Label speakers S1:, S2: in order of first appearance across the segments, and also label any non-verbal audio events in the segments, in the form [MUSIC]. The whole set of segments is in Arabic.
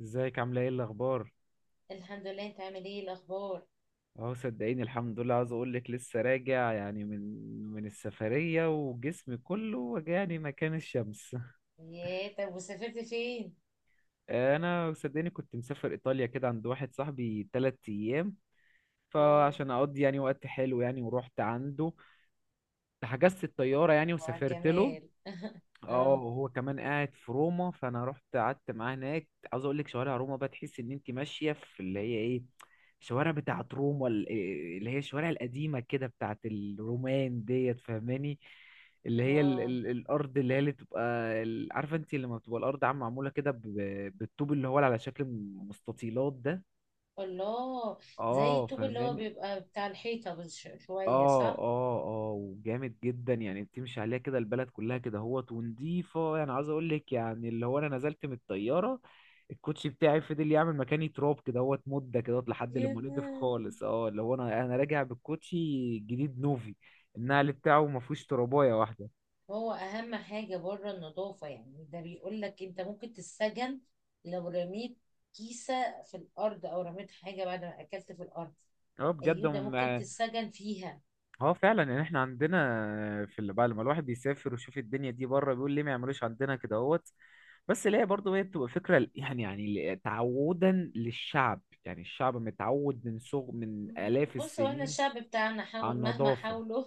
S1: ازيك، عامله ايه، الاخبار؟
S2: الحمد لله، انت عامل ايه؟ إيه الاخبار؟
S1: اهو، صدقيني الحمد لله. عاوز اقول لك لسه راجع يعني من السفريه، وجسمي كله وجعني مكان الشمس. [LAUGHS]
S2: يا طب، وسافرت فين؟
S1: انا صدقيني كنت مسافر ايطاليا كده عند واحد صاحبي 3 ايام،
S2: اه،
S1: فعشان اقضي يعني وقت حلو يعني، ورحت عنده. حجزت الطياره يعني
S2: وعلى
S1: وسافرت له.
S2: الجمال [LAUGHS]
S1: اه،
S2: اه،
S1: هو كمان قاعد في روما، فانا رحت قعدت معاه هناك. عاوز اقول لك، شوارع روما بقى تحس ان انت ماشيه في اللي هي ايه، شوارع بتاعه روما اللي هي الشوارع القديمه كده بتاعه الرومان ديت، فاهماني؟ اللي هي ال
S2: اه،
S1: ال الارض اللي هي اللي بتبقى عارفه، انت لما بتبقى الارض عامه معموله كده بالطوب اللي هو على شكل مستطيلات ده.
S2: الله. زي
S1: اه،
S2: الطوب اللي هو
S1: فاهمان.
S2: بيبقى بتاع الحيطة، بس شوية،
S1: اه
S2: صح؟
S1: اه اه، وجامد جدا يعني، بتمشي عليها كده البلد كلها كده هوت ونضيفة. يعني عاوز اقول لك يعني، اللي هو انا نزلت من الطيارة، الكوتشي بتاعي فضل يعمل مكاني تراب كده هوت مدة كده هوت لحد
S2: يا
S1: لما نضف
S2: لهوي.
S1: خالص. اه، اللي هو انا راجع بالكوتشي جديد نوفي، النقل بتاعه ما فيهوش ترابايه واحدة.
S2: هو اهم حاجة بره النظافة، يعني ده بيقول لك انت ممكن تتسجن لو رميت كيسة في الارض او رميت حاجة بعد ما اكلت في الارض.
S1: اه، بجد
S2: ايوه، ده ممكن تتسجن فيها.
S1: اه، فعلا يعني. احنا عندنا، في اللي بعد ما الواحد بيسافر ويشوف الدنيا دي بره، بيقول ليه ما يعملوش عندنا كده هوت. بس اللي هي برضه هي بتبقى فكرة، يعني تعودا للشعب، يعني الشعب متعود من صغ من آلاف
S2: بص، هو احنا
S1: السنين
S2: الشعب بتاعنا
S1: على
S2: حاول مهما
S1: النظافة.
S2: حاولوا،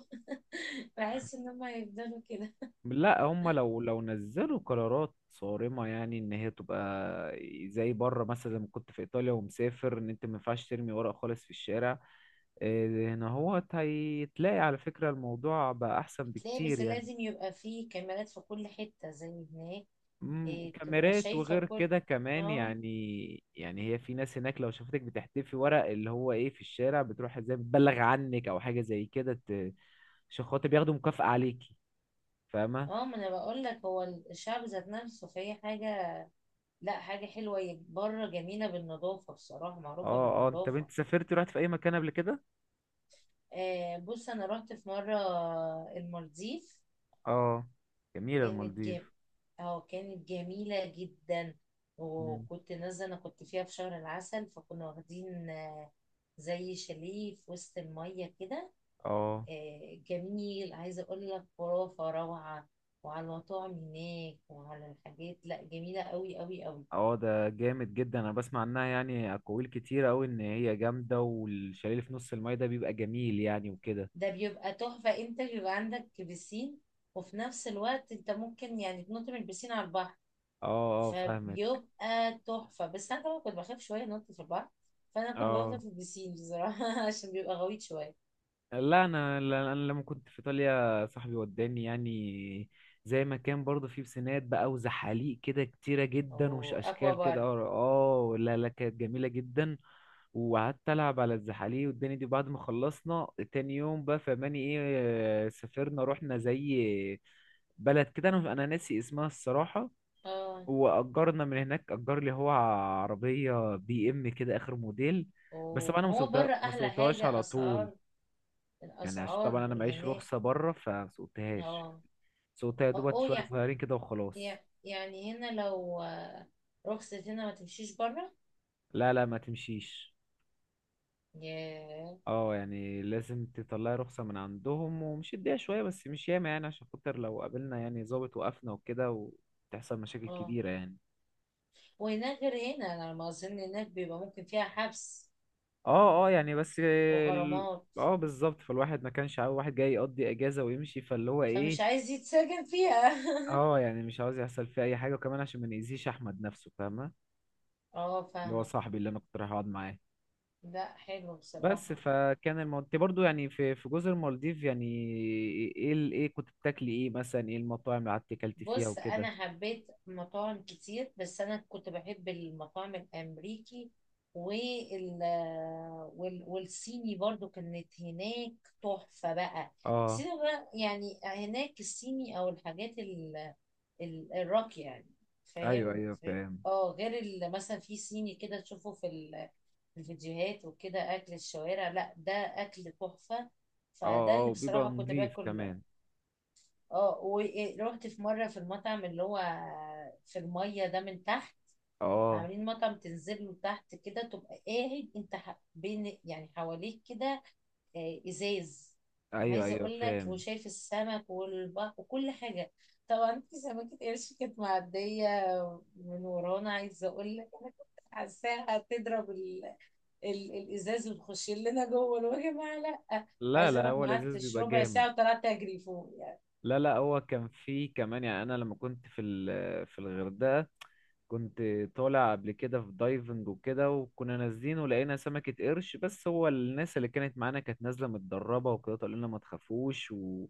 S2: بحس ان هم هيفضلوا كده.
S1: لا، هم لو نزلوا قرارات صارمة يعني، ان هي تبقى زي بره. مثلا لما كنت في ايطاليا ومسافر، ان انت ما ينفعش ترمي ورق خالص في الشارع. إيه، هنا هو هيتلاقي على فكرة الموضوع بقى احسن
S2: تلاقي،
S1: بكتير
S2: بس
S1: يعني.
S2: لازم يبقى فيه كاميرات في كل حتة زي هناك. إيه، تبقى
S1: وكاميرات
S2: شايفة
S1: وغير
S2: كل.
S1: كده كمان
S2: اه،
S1: يعني، يعني هي في ناس هناك لو شافتك بتحتفي ورق اللي هو ايه في الشارع، بتروح ازاي بتبلغ عنك او حاجه زي كده، عشان خاطر بياخدوا مكافأة عليكي. فاهمه؟
S2: اه، ما انا بقول لك هو الشعب ذات نفسه، فهي حاجة، لا حاجة حلوة، هي بره جميلة بالنظافة، بصراحة معروفة
S1: اه اه، طب
S2: بالنظافة.
S1: انت سافرت رحت في اي مكان قبل كده؟
S2: آه، بص، انا رحت في مرة المالديف.
S1: اه، جميله
S2: كانت جم
S1: المالديف.
S2: اه كانت جميلة جدا.
S1: مم.
S2: وكنت نازلة، انا كنت فيها في شهر العسل، فكنا واخدين زي شاليه في وسط المية كده.
S1: اه
S2: جميل، عايزة أقول لك، خرافة، روعة. وعلى المطاعم هناك وعلى الحاجات، لا جميلة قوي قوي قوي.
S1: اه، ده جامد جدا، انا بسمع عنها يعني اقاويل كتير قوي، ان هي جامده والشاليه اللي في نص المايه ده بيبقى جميل يعني وكده.
S2: ده بيبقى تحفة، أنت بيبقى عندك بسين، وفي نفس الوقت أنت ممكن يعني تنط من البسين على البحر.
S1: اه اه، فاهمك.
S2: فبيبقى تحفة، بس أنا طبعا كنت بخاف شوية أنط في البحر. فأنا كنت بفضل
S1: اه.
S2: في البسين بصراحة [LAUGHS] عشان بيبقى غويط شوية.
S1: لا، انا انا لما كنت في ايطاليا صاحبي وداني يعني، زي ما كان برضه، في بسينات بقى وزحاليق كده كتيره جدا ومش
S2: وأكوا
S1: اشكال كده.
S2: بار.
S1: اه، آه، لا لا، كانت جميله جدا، وقعدت العب على الزحاليق والدنيا دي. بعد ما خلصنا تاني يوم بقى فماني ايه، آه، سافرنا، رحنا زي بلد كده، انا ناسي اسمها الصراحه.
S2: اه،
S1: واجرنا من هناك، اجر لي هو عربيه بي ام كده اخر موديل. بس طبعا انا
S2: وما هو بره
S1: ما
S2: أحلى
S1: سوقتهاش
S2: حاجة
S1: على طول،
S2: أسعار.
S1: يعني عشان
S2: الأسعار
S1: طبعا انا معيش
S2: هناك.
S1: رخصه بره، فسوقتهاش،
S2: اه.
S1: سوقتها يا دوبك
S2: اوه.
S1: شويه صغيرين كده وخلاص.
S2: يعني هنا لو رخصت هنا ما تمشيش بره.
S1: لا لا، ما تمشيش.
S2: ياه.
S1: اه، يعني لازم تطلعي رخصه من عندهم، ومش اديها شويه بس مش ياما يعني، عشان خاطر لو قابلنا يعني ظابط، وقفنا وكده وتحصل مشاكل
S2: اه،
S1: كبيره يعني.
S2: وهناك غير هنا، انا على ما اظن هناك بيبقى ممكن فيها حبس
S1: اه اه، يعني بس
S2: وغرامات.
S1: اه، بالظبط، فالواحد ما كانش عاوز واحد جاي يقضي اجازه ويمشي فاللي هو
S2: فمش
S1: ايه.
S2: عايز يتسجن فيها [LAUGHS]
S1: اه، يعني مش عاوز يحصل فيه اي حاجه، وكمان عشان ما نأذيش احمد نفسه، فاهمه،
S2: اه،
S1: اللي هو
S2: فاهمة.
S1: صاحبي اللي انا كنت رايح اقعد معاه.
S2: لا، حلو
S1: بس
S2: بصراحة.
S1: فكان الموضوع، انت برضو يعني في جزر المالديف يعني، ايه ايه كنت بتاكلي ايه مثلا، ايه المطاعم اللي قعدتي اكلتي فيها
S2: بص،
S1: وكده؟
S2: انا حبيت مطاعم كتير، بس انا كنت بحب المطاعم الامريكي وال والصيني برضو، كانت هناك تحفة بقى.
S1: اه،
S2: الصيني بقى، يعني هناك الصيني او الحاجات الراقية يعني.
S1: ايوه
S2: فاهم.
S1: ايوه، فاهم.
S2: اه، غير مثلا في صيني كده تشوفه في الفيديوهات وكده، اكل الشوارع، لا ده اكل تحفة. فده
S1: اه اه،
S2: اللي
S1: وبيبقى
S2: بصراحة كنت
S1: نضيف
S2: باكل.
S1: كمان.
S2: اه، ورحت في مرة في المطعم اللي هو في المية ده من تحت.
S1: اه،
S2: عاملين مطعم تنزل له تحت كده، تبقى قاعد انت بين، يعني حواليك كده ازاز.
S1: ايوه
S2: عايزة
S1: ايوه،
S2: اقول لك،
S1: فاهم.
S2: وشايف السمك والبحر وكل حاجة. طبعا في سمكة قرش كانت معدية من ورانا، عايزة اقول لك انا كنت حاساها هتضرب الازاز وتخش لنا جوه، يا جماعة، لا.
S1: لا
S2: عايزة
S1: لا،
S2: اقول لك
S1: هو
S2: ما
S1: لذيذ
S2: قعدتش
S1: بيبقى
S2: ربع
S1: جامد.
S2: ساعة وطلعت اجري فوق.
S1: لا لا، هو كان فيه كمان يعني، انا لما كنت في في الغردقة، كنت طالع قبل كده في دايفنج وكده، وكنا نازلين ولقينا سمكة قرش. بس هو الناس اللي كانت معانا كانت نازلة متدربة وكده، قالوا لنا ما تخافوش، و...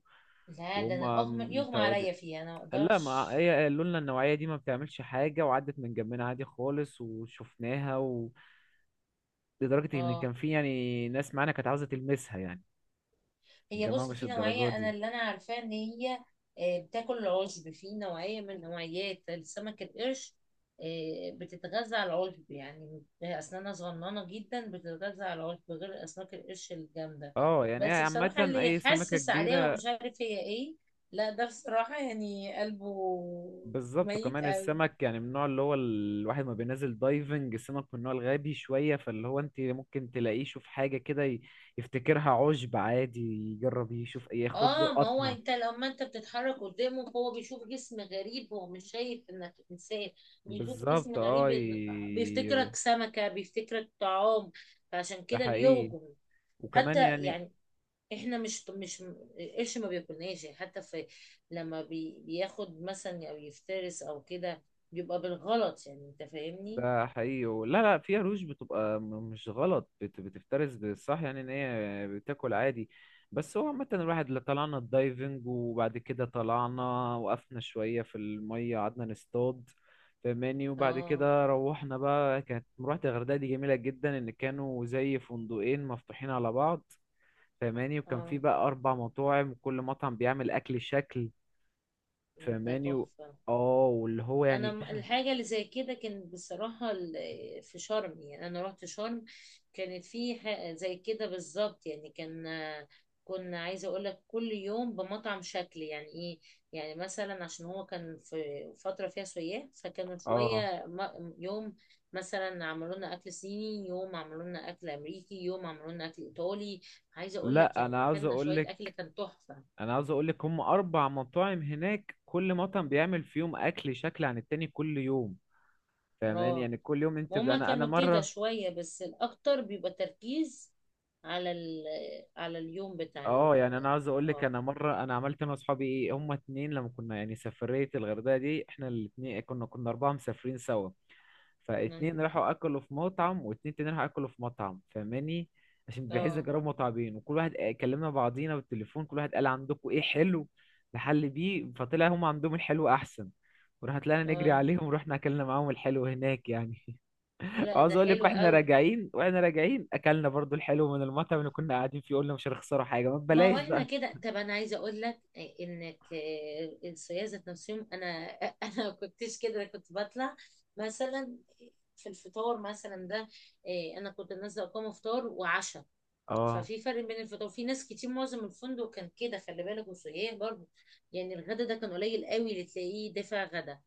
S2: لا، ده
S1: وهم
S2: انا اغمى يغمى
S1: متعودين.
S2: عليا فيها، انا ما
S1: لا،
S2: اقدرش.
S1: ما هي قالوا لنا النوعية دي ما بتعملش حاجة، وعدت من جنبنا عادي خالص وشفناها، و... لدرجة ان
S2: اه،
S1: كان في يعني ناس معانا كانت عاوزة تلمسها يعني.
S2: هي
S1: الجماعة
S2: بصي
S1: مش
S2: في
S1: الدرجات
S2: نوعيه، انا
S1: دي.
S2: اللي انا عارفاه ان هي بتاكل العشب، في نوعيه من نوعيات السمك القرش. بتتغذى على العشب، يعني هي اسنانها صغننه جدا، بتتغذى على العشب، غير اسماك القرش الجامده.
S1: اه يعني، هي
S2: بس بصراحه
S1: عامة
S2: اللي
S1: اي سمكة
S2: يحسس عليها
S1: كبيرة
S2: ومش عارف هي ايه، لا ده بصراحه يعني قلبه
S1: بالظبط،
S2: ميت
S1: وكمان
S2: قوي.
S1: السمك يعني من النوع اللي هو الواحد ما بينزل دايفنج، السمك من النوع الغبي شوية، فاللي هو انت ممكن تلاقيه يشوف حاجة كده، يفتكرها عشب عادي، يجرب يشوف ياخد له
S2: اه، ما هو انت
S1: قطمة.
S2: لما انت بتتحرك قدامه هو بيشوف جسم غريب، هو مش شايف انك انسان. بيشوف جسم
S1: بالظبط.
S2: غريب،
S1: اه،
S2: بيفتكرك سمكة، بيفتكرك طعام، فعشان
S1: ده
S2: كده
S1: حقيقي،
S2: بيهجم.
S1: وكمان
S2: حتى
S1: يعني،
S2: يعني احنا مش القرش ما بياكلناش يعني، حتى في لما بياخد مثلا او يفترس او كده، بيبقى بالغلط، يعني انت فاهمني.
S1: ده حقيقي. لا لا، في عروش بتبقى مش غلط، بتفترس بالصح يعني، ان هي بتاكل عادي. بس هو عامة الواحد اللي، طلعنا الدايفنج وبعد كده طلعنا، وقفنا شوية في المية قعدنا نصطاد فماني. وبعد
S2: اه،
S1: كده روحنا بقى، كانت مروحة الغردقة دي جميلة جدا، ان كانوا زي فندقين مفتوحين على بعض فماني، وكان
S2: اه،
S1: في بقى اربع مطاعم وكل مطعم بيعمل اكل شكل
S2: ده
S1: فماني. و...
S2: تحفة.
S1: اه، واللي هو
S2: انا
S1: يعني،
S2: الحاجه اللي زي كده كانت بصراحه في شرم، يعني انا رحت شرم. كانت في زي كده بالظبط، يعني كان كنا عايزه اقول لك، كل يوم بمطعم شكل، يعني ايه، يعني مثلا عشان هو كان في فتره فيها سياح، فكانوا
S1: اه،
S2: شويه يوم مثلا عملوا لنا اكل صيني، يوم عملوا لنا اكل امريكي، يوم عملوا لنا اكل ايطالي. عايزه اقول لك
S1: لا،
S2: يعني اكلنا شويه اكل كان تحفه.
S1: انا عاوز اقول لك هم اربع مطاعم هناك، كل مطعم بيعمل فيهم اكل شكل عن التاني كل يوم، فاهماني؟
S2: اه،
S1: يعني كل يوم انت
S2: وهما
S1: انا
S2: كانوا كده
S1: مره.
S2: شوية، بس الأكتر بيبقى تركيز على على اليوم بتاع ال
S1: اه، يعني انا عاوز اقول لك،
S2: اه
S1: انا مره انا عملت انا واصحابي ايه، هم اتنين لما كنا يعني سفريه الغردقه دي، احنا الاتنين كنا اربعه مسافرين سوا. فاتنين
S2: مم.
S1: راحوا اكلوا في مطعم واتنين تاني راحوا اكلوا في مطعم، فاهماني؟ عشان بحيث
S2: اه،
S1: نجرب مطعمين، وكل واحد، آه، كلمنا بعضينا بالتليفون، كل واحد قال عندكم ايه حلو نحل بيه، فطلع هم عندهم الحلو احسن، وراح طلعنا نجري
S2: اه،
S1: عليهم ورحنا اكلنا معاهم الحلو هناك يعني. [LAUGHS]
S2: لا
S1: وعاوز
S2: ده
S1: اقول لك،
S2: حلو
S1: واحنا
S2: قوي.
S1: راجعين واحنا راجعين اكلنا برضو الحلو من المطعم اللي كنا قاعدين فيه، قلنا مش هنخسروا حاجه، ما
S2: ما هو
S1: ببلاش
S2: احنا
S1: بقى.
S2: كده، طب انا عايزه اقول لك انك الصيادله ذات نفسهم انا [LAUGHS] انا ما كنتش كده، أنا كنت بطلع مثلا في الفطار مثلا ده انا كنت نازله اقوم فطار وعشاء.
S1: اه
S2: ففي فرق بين الفطار، في ناس كتير معظم الفندق كان كده خلي بالك، وسياح برضه. يعني الغدا ده كان قليل قوي اللي تلاقيه دافع غدا.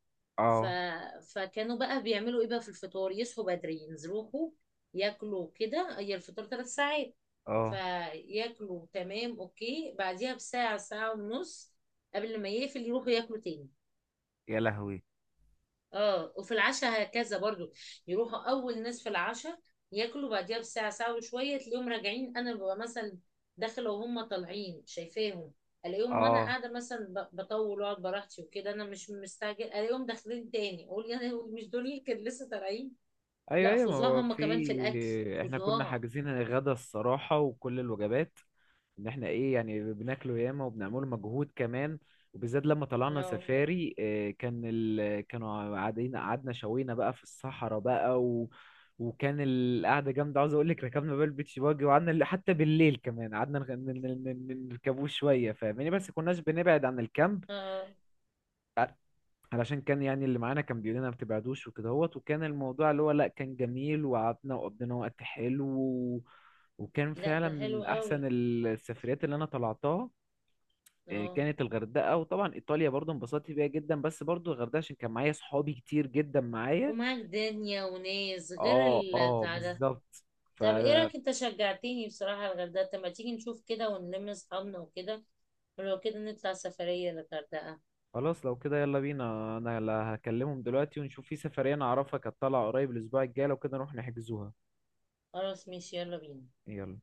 S2: ف...
S1: اه
S2: فكانوا بقى بيعملوا ايه بقى في الفطار، يصحوا بدري، يروحوا ياكلوا كده، هي الفطار 3 ساعات.
S1: اه.
S2: فياكلوا، تمام، اوكي، بعديها بساعة ساعة ونص قبل ما يقفل يروحوا ياكلوا تاني.
S1: يا لهوي.
S2: اه، وفي العشاء هكذا برضو. يروحوا اول ناس في العشاء، ياكلوا بعديها بساعه ساعه وشويه تلاقيهم راجعين. انا ببقى مثلا داخله وهم طالعين، شايفاهم. الاقيهم وانا
S1: اه،
S2: قاعده مثلا بطول واقعد براحتي وكده، انا مش مستعجل، الاقيهم داخلين تاني، اقول يعني هو مش دول اللي كانوا لسه طالعين.
S1: ايوه
S2: لا،
S1: ايوه، ما
S2: فظاع
S1: هو
S2: هم كمان في الاكل،
S1: في، احنا كنا
S2: فظاع.
S1: حاجزين غدا الصراحه وكل الوجبات، ان احنا ايه يعني بناكله ياما وبنعمله مجهود كمان. وبالذات لما طلعنا
S2: نو.
S1: سفاري، آه، كان كانوا قاعدين، قعدنا شوينا بقى في الصحراء بقى. و... وكان القعده جامده، عاوز اقول لك. ركبنا بقى البيتش باجي وقعدنا حتى بالليل كمان قعدنا ن- نركبوه شويه، فاهماني؟ بس كناش بنبعد عن الكامب،
S2: اه،
S1: علشان كان يعني اللي معانا كان بيقول لنا ما تبعدوش وكده هوت. وكان الموضوع اللي هو، لا، كان جميل، وقعدنا وقضينا وقت حلو، و... وكان
S2: لا
S1: فعلا
S2: ده
S1: من
S2: حلو
S1: احسن
S2: قوي.
S1: السفريات اللي انا طلعتها. إيه،
S2: اه،
S1: كانت الغردقة، وطبعا ايطاليا برضو انبسطت بيها جدا، بس برضو الغردقة عشان كان معايا صحابي كتير جدا معايا.
S2: ومعاك دنيا وناس غير
S1: اه اه،
S2: البتاع ده.
S1: بالظبط. ف،
S2: طب ايه رأيك، انت شجعتني بصراحة على الغردقة، طب ما تيجي نشوف كده ونلم اصحابنا وكده، ولو كده نطلع سفرية للغردقة.
S1: خلاص لو كده يلا بينا. انا لا، هكلمهم دلوقتي ونشوف في سفرية انا اعرفها كانت طالعة قريب الاسبوع الجاي، لو كده نروح نحجزوها.
S2: خلاص، ماشي، يلا بينا.
S1: يلا.